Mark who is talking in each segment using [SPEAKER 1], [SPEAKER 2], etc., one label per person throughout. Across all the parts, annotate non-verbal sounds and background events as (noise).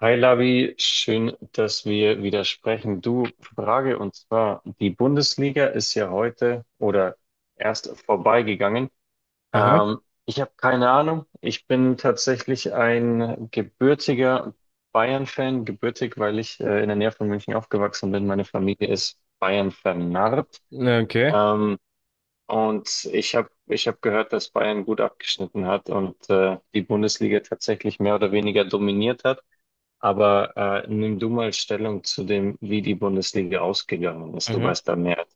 [SPEAKER 1] Hi Lavi, schön, dass wir wieder sprechen. Du, Frage und zwar, die Bundesliga ist ja heute oder erst vorbeigegangen.
[SPEAKER 2] Aha.
[SPEAKER 1] Ähm, Ich habe keine Ahnung. Ich bin tatsächlich ein gebürtiger Bayern-Fan, gebürtig, weil ich in der Nähe von München aufgewachsen bin. Meine Familie ist Bayern vernarrt.
[SPEAKER 2] Ja, okay.
[SPEAKER 1] Ähm, und ich hab gehört, dass Bayern gut abgeschnitten hat und die Bundesliga tatsächlich mehr oder weniger dominiert hat. Aber nimm du mal Stellung zu dem, wie die Bundesliga ausgegangen ist. Du
[SPEAKER 2] Mhm.
[SPEAKER 1] weißt da mehr.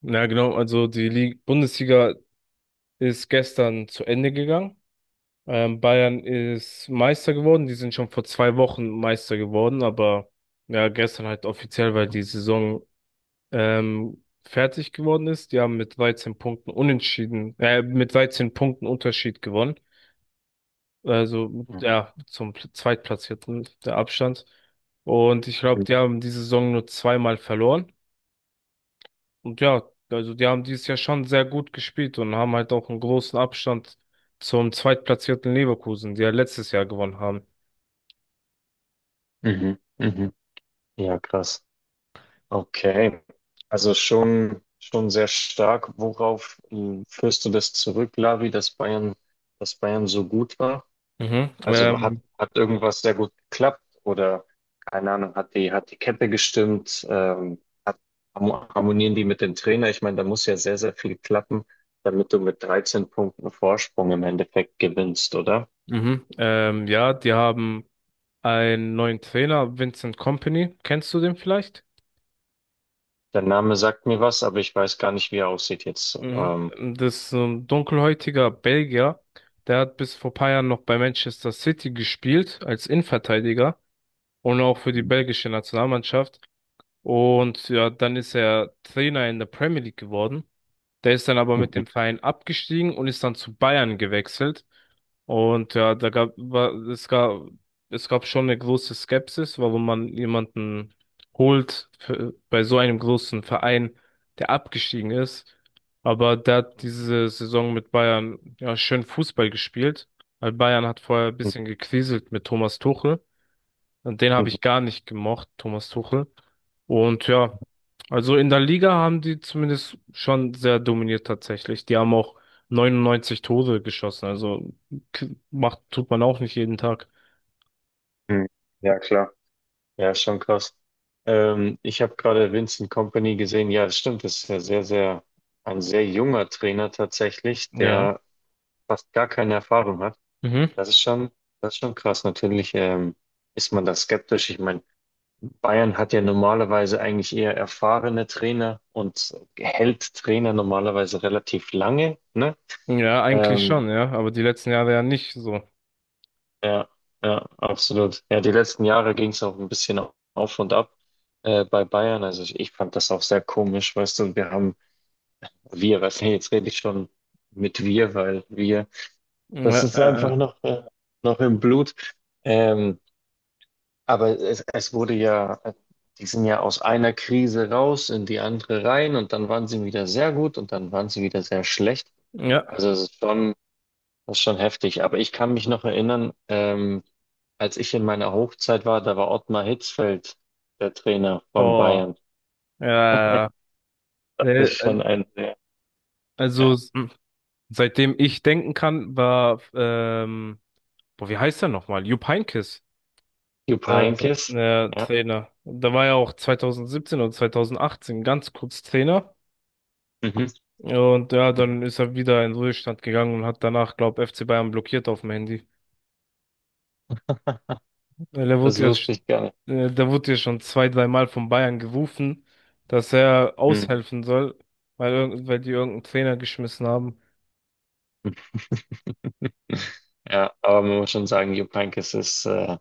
[SPEAKER 2] Ja, genau. Also Bundesliga ist gestern zu Ende gegangen. Bayern ist Meister geworden. Die sind schon vor 2 Wochen Meister geworden, aber ja, gestern halt offiziell, weil die Saison fertig geworden ist. Die haben mit 13 Punkten Unterschied gewonnen. Also
[SPEAKER 1] Mhm.
[SPEAKER 2] ja, zum Zweitplatzierten der Abstand. Und ich glaube, die haben die Saison nur 2-mal verloren. Und ja, also die haben dieses Jahr schon sehr gut gespielt und haben halt auch einen großen Abstand zum zweitplatzierten Leverkusen, die ja letztes Jahr gewonnen haben.
[SPEAKER 1] Mhm. Mhm. Ja, krass. Okay. Also schon, schon sehr stark. Worauf führst du das zurück, Lavi, dass Bayern so gut war?
[SPEAKER 2] Mhm.
[SPEAKER 1] Also hat, hat irgendwas sehr gut geklappt oder keine Ahnung, hat die Kette gestimmt, hat, harmonieren die mit dem Trainer? Ich meine, da muss ja sehr, sehr viel klappen, damit du mit 13 Punkten Vorsprung im Endeffekt gewinnst, oder?
[SPEAKER 2] Mhm. Ja, die haben einen neuen Trainer, Vincent Kompany. Kennst du den vielleicht?
[SPEAKER 1] Der Name sagt mir was, aber ich weiß gar nicht, wie er aussieht jetzt.
[SPEAKER 2] Mhm. Das ist so ein dunkelhäutiger Belgier. Der hat bis vor paar Jahren noch bei Manchester City gespielt als Innenverteidiger und auch für die belgische Nationalmannschaft. Und ja, dann ist er Trainer in der Premier League geworden. Der ist dann aber
[SPEAKER 1] (laughs)
[SPEAKER 2] mit
[SPEAKER 1] Mhm.
[SPEAKER 2] dem Verein abgestiegen und ist dann zu Bayern gewechselt. Und ja, da gab, war, es gab schon eine große Skepsis, warum man jemanden holt für, bei so einem großen Verein, der abgestiegen ist. Aber der hat diese Saison mit Bayern ja schön Fußball gespielt, weil Bayern hat vorher ein bisschen gekriselt mit Thomas Tuchel. Und den habe ich gar nicht gemocht, Thomas Tuchel. Und ja, also in der Liga haben die zumindest schon sehr dominiert tatsächlich. Die haben auch 99 Tore geschossen. Also macht, tut man auch nicht jeden Tag.
[SPEAKER 1] Ja, klar. Ja, schon krass. Ich habe gerade Vincent Kompany gesehen. Ja, das stimmt. Das ist ja sehr, sehr ein sehr junger Trainer tatsächlich,
[SPEAKER 2] Ja.
[SPEAKER 1] der fast gar keine Erfahrung hat.
[SPEAKER 2] Mhm.
[SPEAKER 1] Das ist schon, das ist schon krass. Natürlich ist man da skeptisch. Ich meine, Bayern hat ja normalerweise eigentlich eher erfahrene Trainer und hält Trainer normalerweise relativ lange, ne?
[SPEAKER 2] Ja, eigentlich
[SPEAKER 1] Ähm,
[SPEAKER 2] schon, ja. Aber die letzten Jahre ja nicht so.
[SPEAKER 1] ja, ja, absolut. Ja, die letzten Jahre ging es auch ein bisschen auf und ab. Bei Bayern, also ich fand das auch sehr komisch, weißt du, wir haben, wir, weißt du, jetzt rede ich schon mit wir, weil wir, das
[SPEAKER 2] Ja,
[SPEAKER 1] ist
[SPEAKER 2] äh,
[SPEAKER 1] einfach noch, noch im Blut. Ähm, Aber es wurde ja, die sind ja aus einer Krise raus in die andere rein und dann waren sie wieder sehr gut und dann waren sie wieder sehr schlecht.
[SPEAKER 2] ja.
[SPEAKER 1] Also es ist schon, das ist schon heftig. Aber ich kann mich noch erinnern, als ich in meiner Hochzeit war, da war Ottmar Hitzfeld der Trainer von
[SPEAKER 2] Boah.
[SPEAKER 1] Bayern.
[SPEAKER 2] Ja,
[SPEAKER 1] Das
[SPEAKER 2] ja, ja.
[SPEAKER 1] ist schon ein sehr,
[SPEAKER 2] Also
[SPEAKER 1] ja,
[SPEAKER 2] s- hm. Seitdem ich denken kann, boah, wie heißt er nochmal? Jupp Heynckes.
[SPEAKER 1] Jupp
[SPEAKER 2] Äh,
[SPEAKER 1] Heynckes.
[SPEAKER 2] ja,
[SPEAKER 1] Ja.
[SPEAKER 2] Trainer. Da war er auch 2017 oder 2018 ganz kurz Trainer.
[SPEAKER 1] Mhm.
[SPEAKER 2] Und ja, dann ist er wieder in den Ruhestand gegangen und hat danach, glaube FC Bayern blockiert auf dem Handy.
[SPEAKER 1] (laughs)
[SPEAKER 2] Weil er
[SPEAKER 1] Das
[SPEAKER 2] wurde ja,
[SPEAKER 1] wusste ich gar nicht.
[SPEAKER 2] da wurde ja schon zwei, dreimal von Bayern gerufen, dass er
[SPEAKER 1] Hm.
[SPEAKER 2] aushelfen soll, weil die irgendeinen Trainer geschmissen haben.
[SPEAKER 1] Ja, aber man muss schon sagen, Jupp Heynckes ist,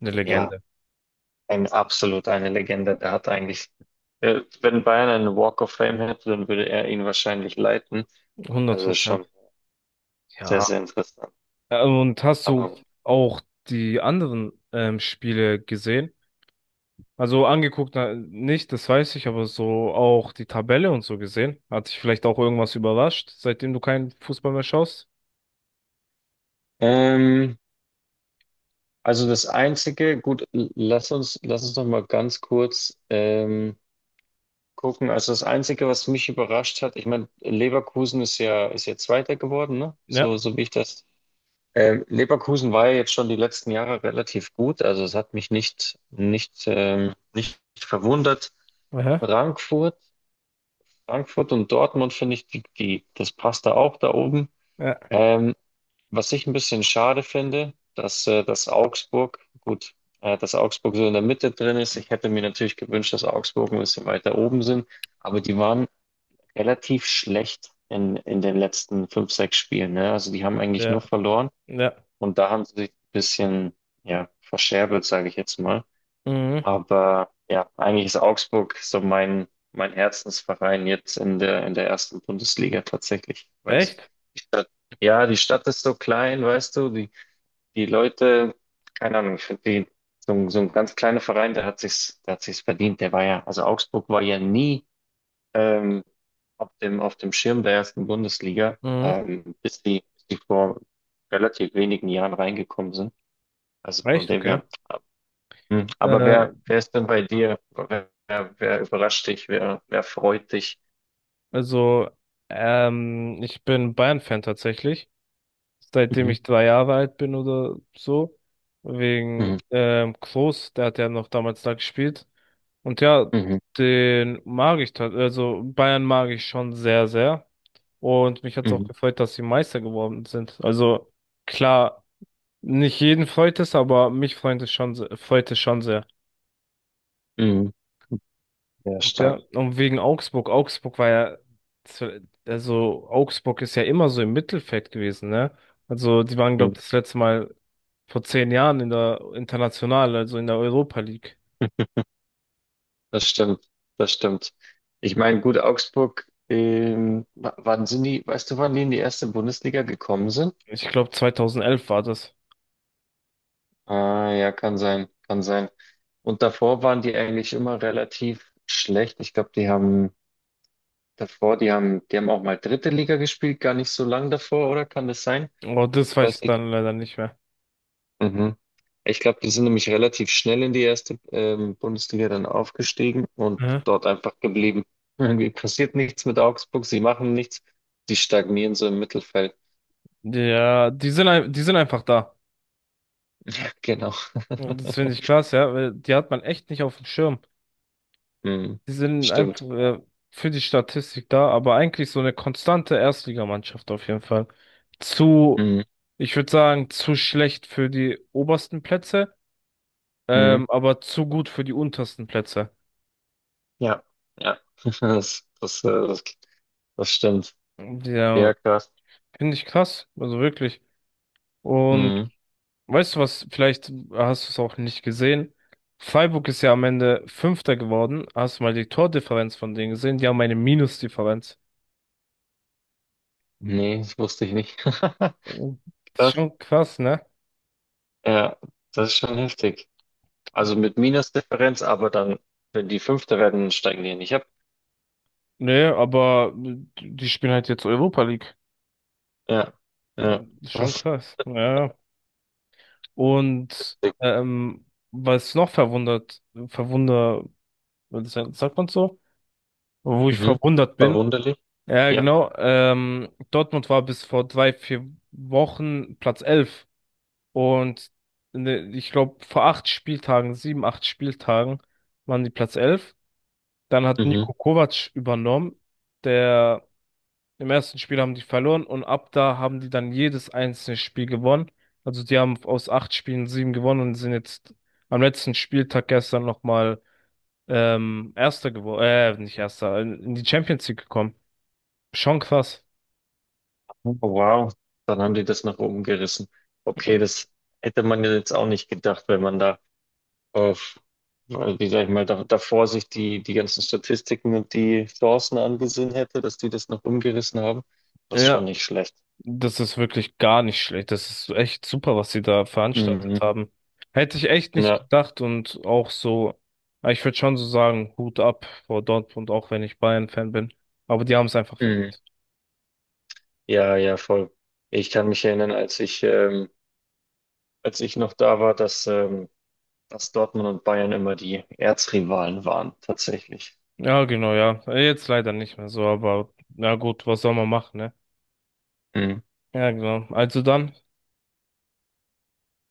[SPEAKER 2] Eine
[SPEAKER 1] ja,
[SPEAKER 2] Legende.
[SPEAKER 1] ein absolut eine Legende. Der hat eigentlich, wenn Bayern einen Walk of Fame hätte, dann würde er ihn wahrscheinlich leiten.
[SPEAKER 2] hundert
[SPEAKER 1] Also schon
[SPEAKER 2] Prozent.
[SPEAKER 1] sehr,
[SPEAKER 2] Ja.
[SPEAKER 1] sehr interessant.
[SPEAKER 2] Und hast du
[SPEAKER 1] Aber gut.
[SPEAKER 2] auch die anderen Spiele gesehen? Also angeguckt na, nicht, das weiß ich, aber so auch die Tabelle und so gesehen. Hat dich vielleicht auch irgendwas überrascht, seitdem du keinen Fußball mehr schaust?
[SPEAKER 1] ähm, also das Einzige, gut, lass uns noch mal ganz kurz gucken. Also das Einzige, was mich überrascht hat, ich meine, Leverkusen ist ja Zweiter geworden, ne?
[SPEAKER 2] Ja.
[SPEAKER 1] So, so wie ich das. Leverkusen war ja jetzt schon die letzten Jahre relativ gut. Also es hat mich nicht, nicht, nicht verwundert.
[SPEAKER 2] Aha.
[SPEAKER 1] Frankfurt, Frankfurt und Dortmund finde ich, die, die, das passt da auch da oben.
[SPEAKER 2] Ja,
[SPEAKER 1] Ähm, was ich ein bisschen schade finde, dass, dass Augsburg, gut, dass Augsburg so in der Mitte drin ist. Ich hätte mir natürlich gewünscht, dass Augsburg ein bisschen weiter oben sind, aber die waren relativ schlecht in den letzten fünf, sechs Spielen, ne? Also die haben eigentlich
[SPEAKER 2] ja,
[SPEAKER 1] nur verloren
[SPEAKER 2] ja.
[SPEAKER 1] und da haben sie sich ein bisschen, ja, verscherbelt, sage ich jetzt mal.
[SPEAKER 2] Mhm.
[SPEAKER 1] Aber ja, eigentlich ist Augsburg so mein Herzensverein jetzt in der ersten Bundesliga tatsächlich. Weil
[SPEAKER 2] Echt?
[SPEAKER 1] die Stadt, ja, die Stadt ist so klein, weißt du, die, die Leute, keine Ahnung, ich finde die, so, so ein ganz kleiner Verein, der hat sich's verdient, der war ja, also Augsburg war ja nie, ähm, auf dem Schirm der ersten Bundesliga,
[SPEAKER 2] Mhm.
[SPEAKER 1] bis die vor relativ wenigen Jahren reingekommen sind. Also von
[SPEAKER 2] Echt,
[SPEAKER 1] dem
[SPEAKER 2] okay.
[SPEAKER 1] her. Hm, aber
[SPEAKER 2] Äh,
[SPEAKER 1] wer, wer ist denn bei dir? Wer, wer, wer überrascht dich? Wer, wer freut dich?
[SPEAKER 2] also, ich bin Bayern-Fan tatsächlich, seitdem
[SPEAKER 1] Mhm.
[SPEAKER 2] ich 3 Jahre alt bin oder so. Wegen
[SPEAKER 1] Mhm.
[SPEAKER 2] Klose, der hat ja noch damals da gespielt. Und ja,
[SPEAKER 1] Mhm.
[SPEAKER 2] den mag ich, tat- also Bayern mag ich schon sehr, sehr. Und mich hat es auch
[SPEAKER 1] Mhm.
[SPEAKER 2] gefreut, dass sie Meister geworden sind. Also klar, nicht jeden freut es, aber mich freut es schon, freut es schon sehr.
[SPEAKER 1] Mhm. Sehr
[SPEAKER 2] Und ja,
[SPEAKER 1] stark.
[SPEAKER 2] und wegen Augsburg. Also Augsburg ist ja immer so im Mittelfeld gewesen, ne? Also die waren, glaube
[SPEAKER 1] Mhm.
[SPEAKER 2] ich, das letzte Mal vor 10 Jahren in der International, also in der Europa League.
[SPEAKER 1] Das stimmt. Das stimmt. Ich meine, gut, Augsburg, wann sind die, weißt du, wann die in die erste Bundesliga gekommen sind?
[SPEAKER 2] Ich glaube, 2011 war das.
[SPEAKER 1] Ah, ja, kann sein, kann sein. Und davor waren die eigentlich immer relativ schlecht. Ich glaube, die haben davor, die haben auch mal dritte Liga gespielt, gar nicht so lang davor, oder? Kann das sein?
[SPEAKER 2] Aber das weiß ich dann leider nicht mehr.
[SPEAKER 1] Mhm. Ich glaube, die sind nämlich relativ schnell in die erste Bundesliga dann aufgestiegen und
[SPEAKER 2] Mhm.
[SPEAKER 1] dort einfach geblieben. (laughs) Irgendwie passiert nichts mit Augsburg, sie machen nichts, die stagnieren so im Mittelfeld.
[SPEAKER 2] Die sind einfach da.
[SPEAKER 1] (laughs) Genau.
[SPEAKER 2] Und das finde ich krass, ja, weil die hat man echt nicht auf dem Schirm.
[SPEAKER 1] Mhm.
[SPEAKER 2] Die sind einfach
[SPEAKER 1] Stimmt.
[SPEAKER 2] für die Statistik da, aber eigentlich so eine konstante Erstligamannschaft auf jeden Fall. Zu,
[SPEAKER 1] Mhm.
[SPEAKER 2] Ich würde sagen, zu schlecht für die obersten Plätze,
[SPEAKER 1] Mhm.
[SPEAKER 2] aber zu gut für die untersten Plätze.
[SPEAKER 1] Ja, ja. (laughs) Das, das, das, das stimmt.
[SPEAKER 2] Ja,
[SPEAKER 1] Ja, krass.
[SPEAKER 2] finde ich krass, also wirklich. Und
[SPEAKER 1] Mhm.
[SPEAKER 2] weißt du was, vielleicht hast du es auch nicht gesehen. Freiburg ist ja am Ende Fünfter geworden. Hast du mal die Tordifferenz von denen gesehen? Die haben eine Minusdifferenz.
[SPEAKER 1] Nee, das wusste ich nicht. (laughs)
[SPEAKER 2] Das ist
[SPEAKER 1] Krass.
[SPEAKER 2] schon krass, ne?
[SPEAKER 1] Ja, das ist schon heftig. Also mit Minusdifferenz, aber dann, wenn die Fünfte werden, steigen die nicht ab.
[SPEAKER 2] Nee, aber die spielen halt jetzt Europa League.
[SPEAKER 1] Ja,
[SPEAKER 2] Ja,
[SPEAKER 1] ja,
[SPEAKER 2] ist schon
[SPEAKER 1] krass.
[SPEAKER 2] krass. Ja, ja. Und was noch verwunder, sagt man so, wo ich
[SPEAKER 1] Mhm.
[SPEAKER 2] verwundert bin.
[SPEAKER 1] Verwunderlich.
[SPEAKER 2] Ja,
[SPEAKER 1] Ja,
[SPEAKER 2] genau. Dortmund war bis vor drei, vier Wochen Platz elf. Und ne, Ich glaube, vor sieben, acht Spieltagen waren die Platz 11. Dann hat
[SPEAKER 1] mhm.
[SPEAKER 2] Niko Kovac übernommen, der. Im ersten Spiel haben die verloren und ab da haben die dann jedes einzelne Spiel gewonnen. Also die haben aus acht Spielen sieben gewonnen und sind jetzt am letzten Spieltag gestern nochmal nicht Erster, in die Champions League gekommen. Schon krass.
[SPEAKER 1] Oh, wow, dann haben die das nach oben gerissen. Okay, das hätte man ja jetzt auch nicht gedacht, wenn man da auf, weil, wie sag ich mal, da, davor sich die, die ganzen Statistiken und die Chancen angesehen hätte, dass die das noch umgerissen haben. Das ist schon
[SPEAKER 2] Ja,
[SPEAKER 1] nicht schlecht.
[SPEAKER 2] das ist wirklich gar nicht schlecht. Das ist echt super, was sie da veranstaltet
[SPEAKER 1] Mhm.
[SPEAKER 2] haben. Hätte ich echt nicht
[SPEAKER 1] Ja,
[SPEAKER 2] gedacht und auch so, ich würde schon so sagen, Hut ab vor Dortmund, auch wenn ich Bayern-Fan bin. Aber die haben es einfach
[SPEAKER 1] mhm.
[SPEAKER 2] verdient.
[SPEAKER 1] Ja, ja, voll. Ich kann mich erinnern, als ich noch da war, dass, dass Dortmund und Bayern immer die Erzrivalen waren, tatsächlich.
[SPEAKER 2] Ja, genau, ja. Jetzt leider nicht mehr so, aber na gut, was soll man machen, ne? Ja, genau. Also dann.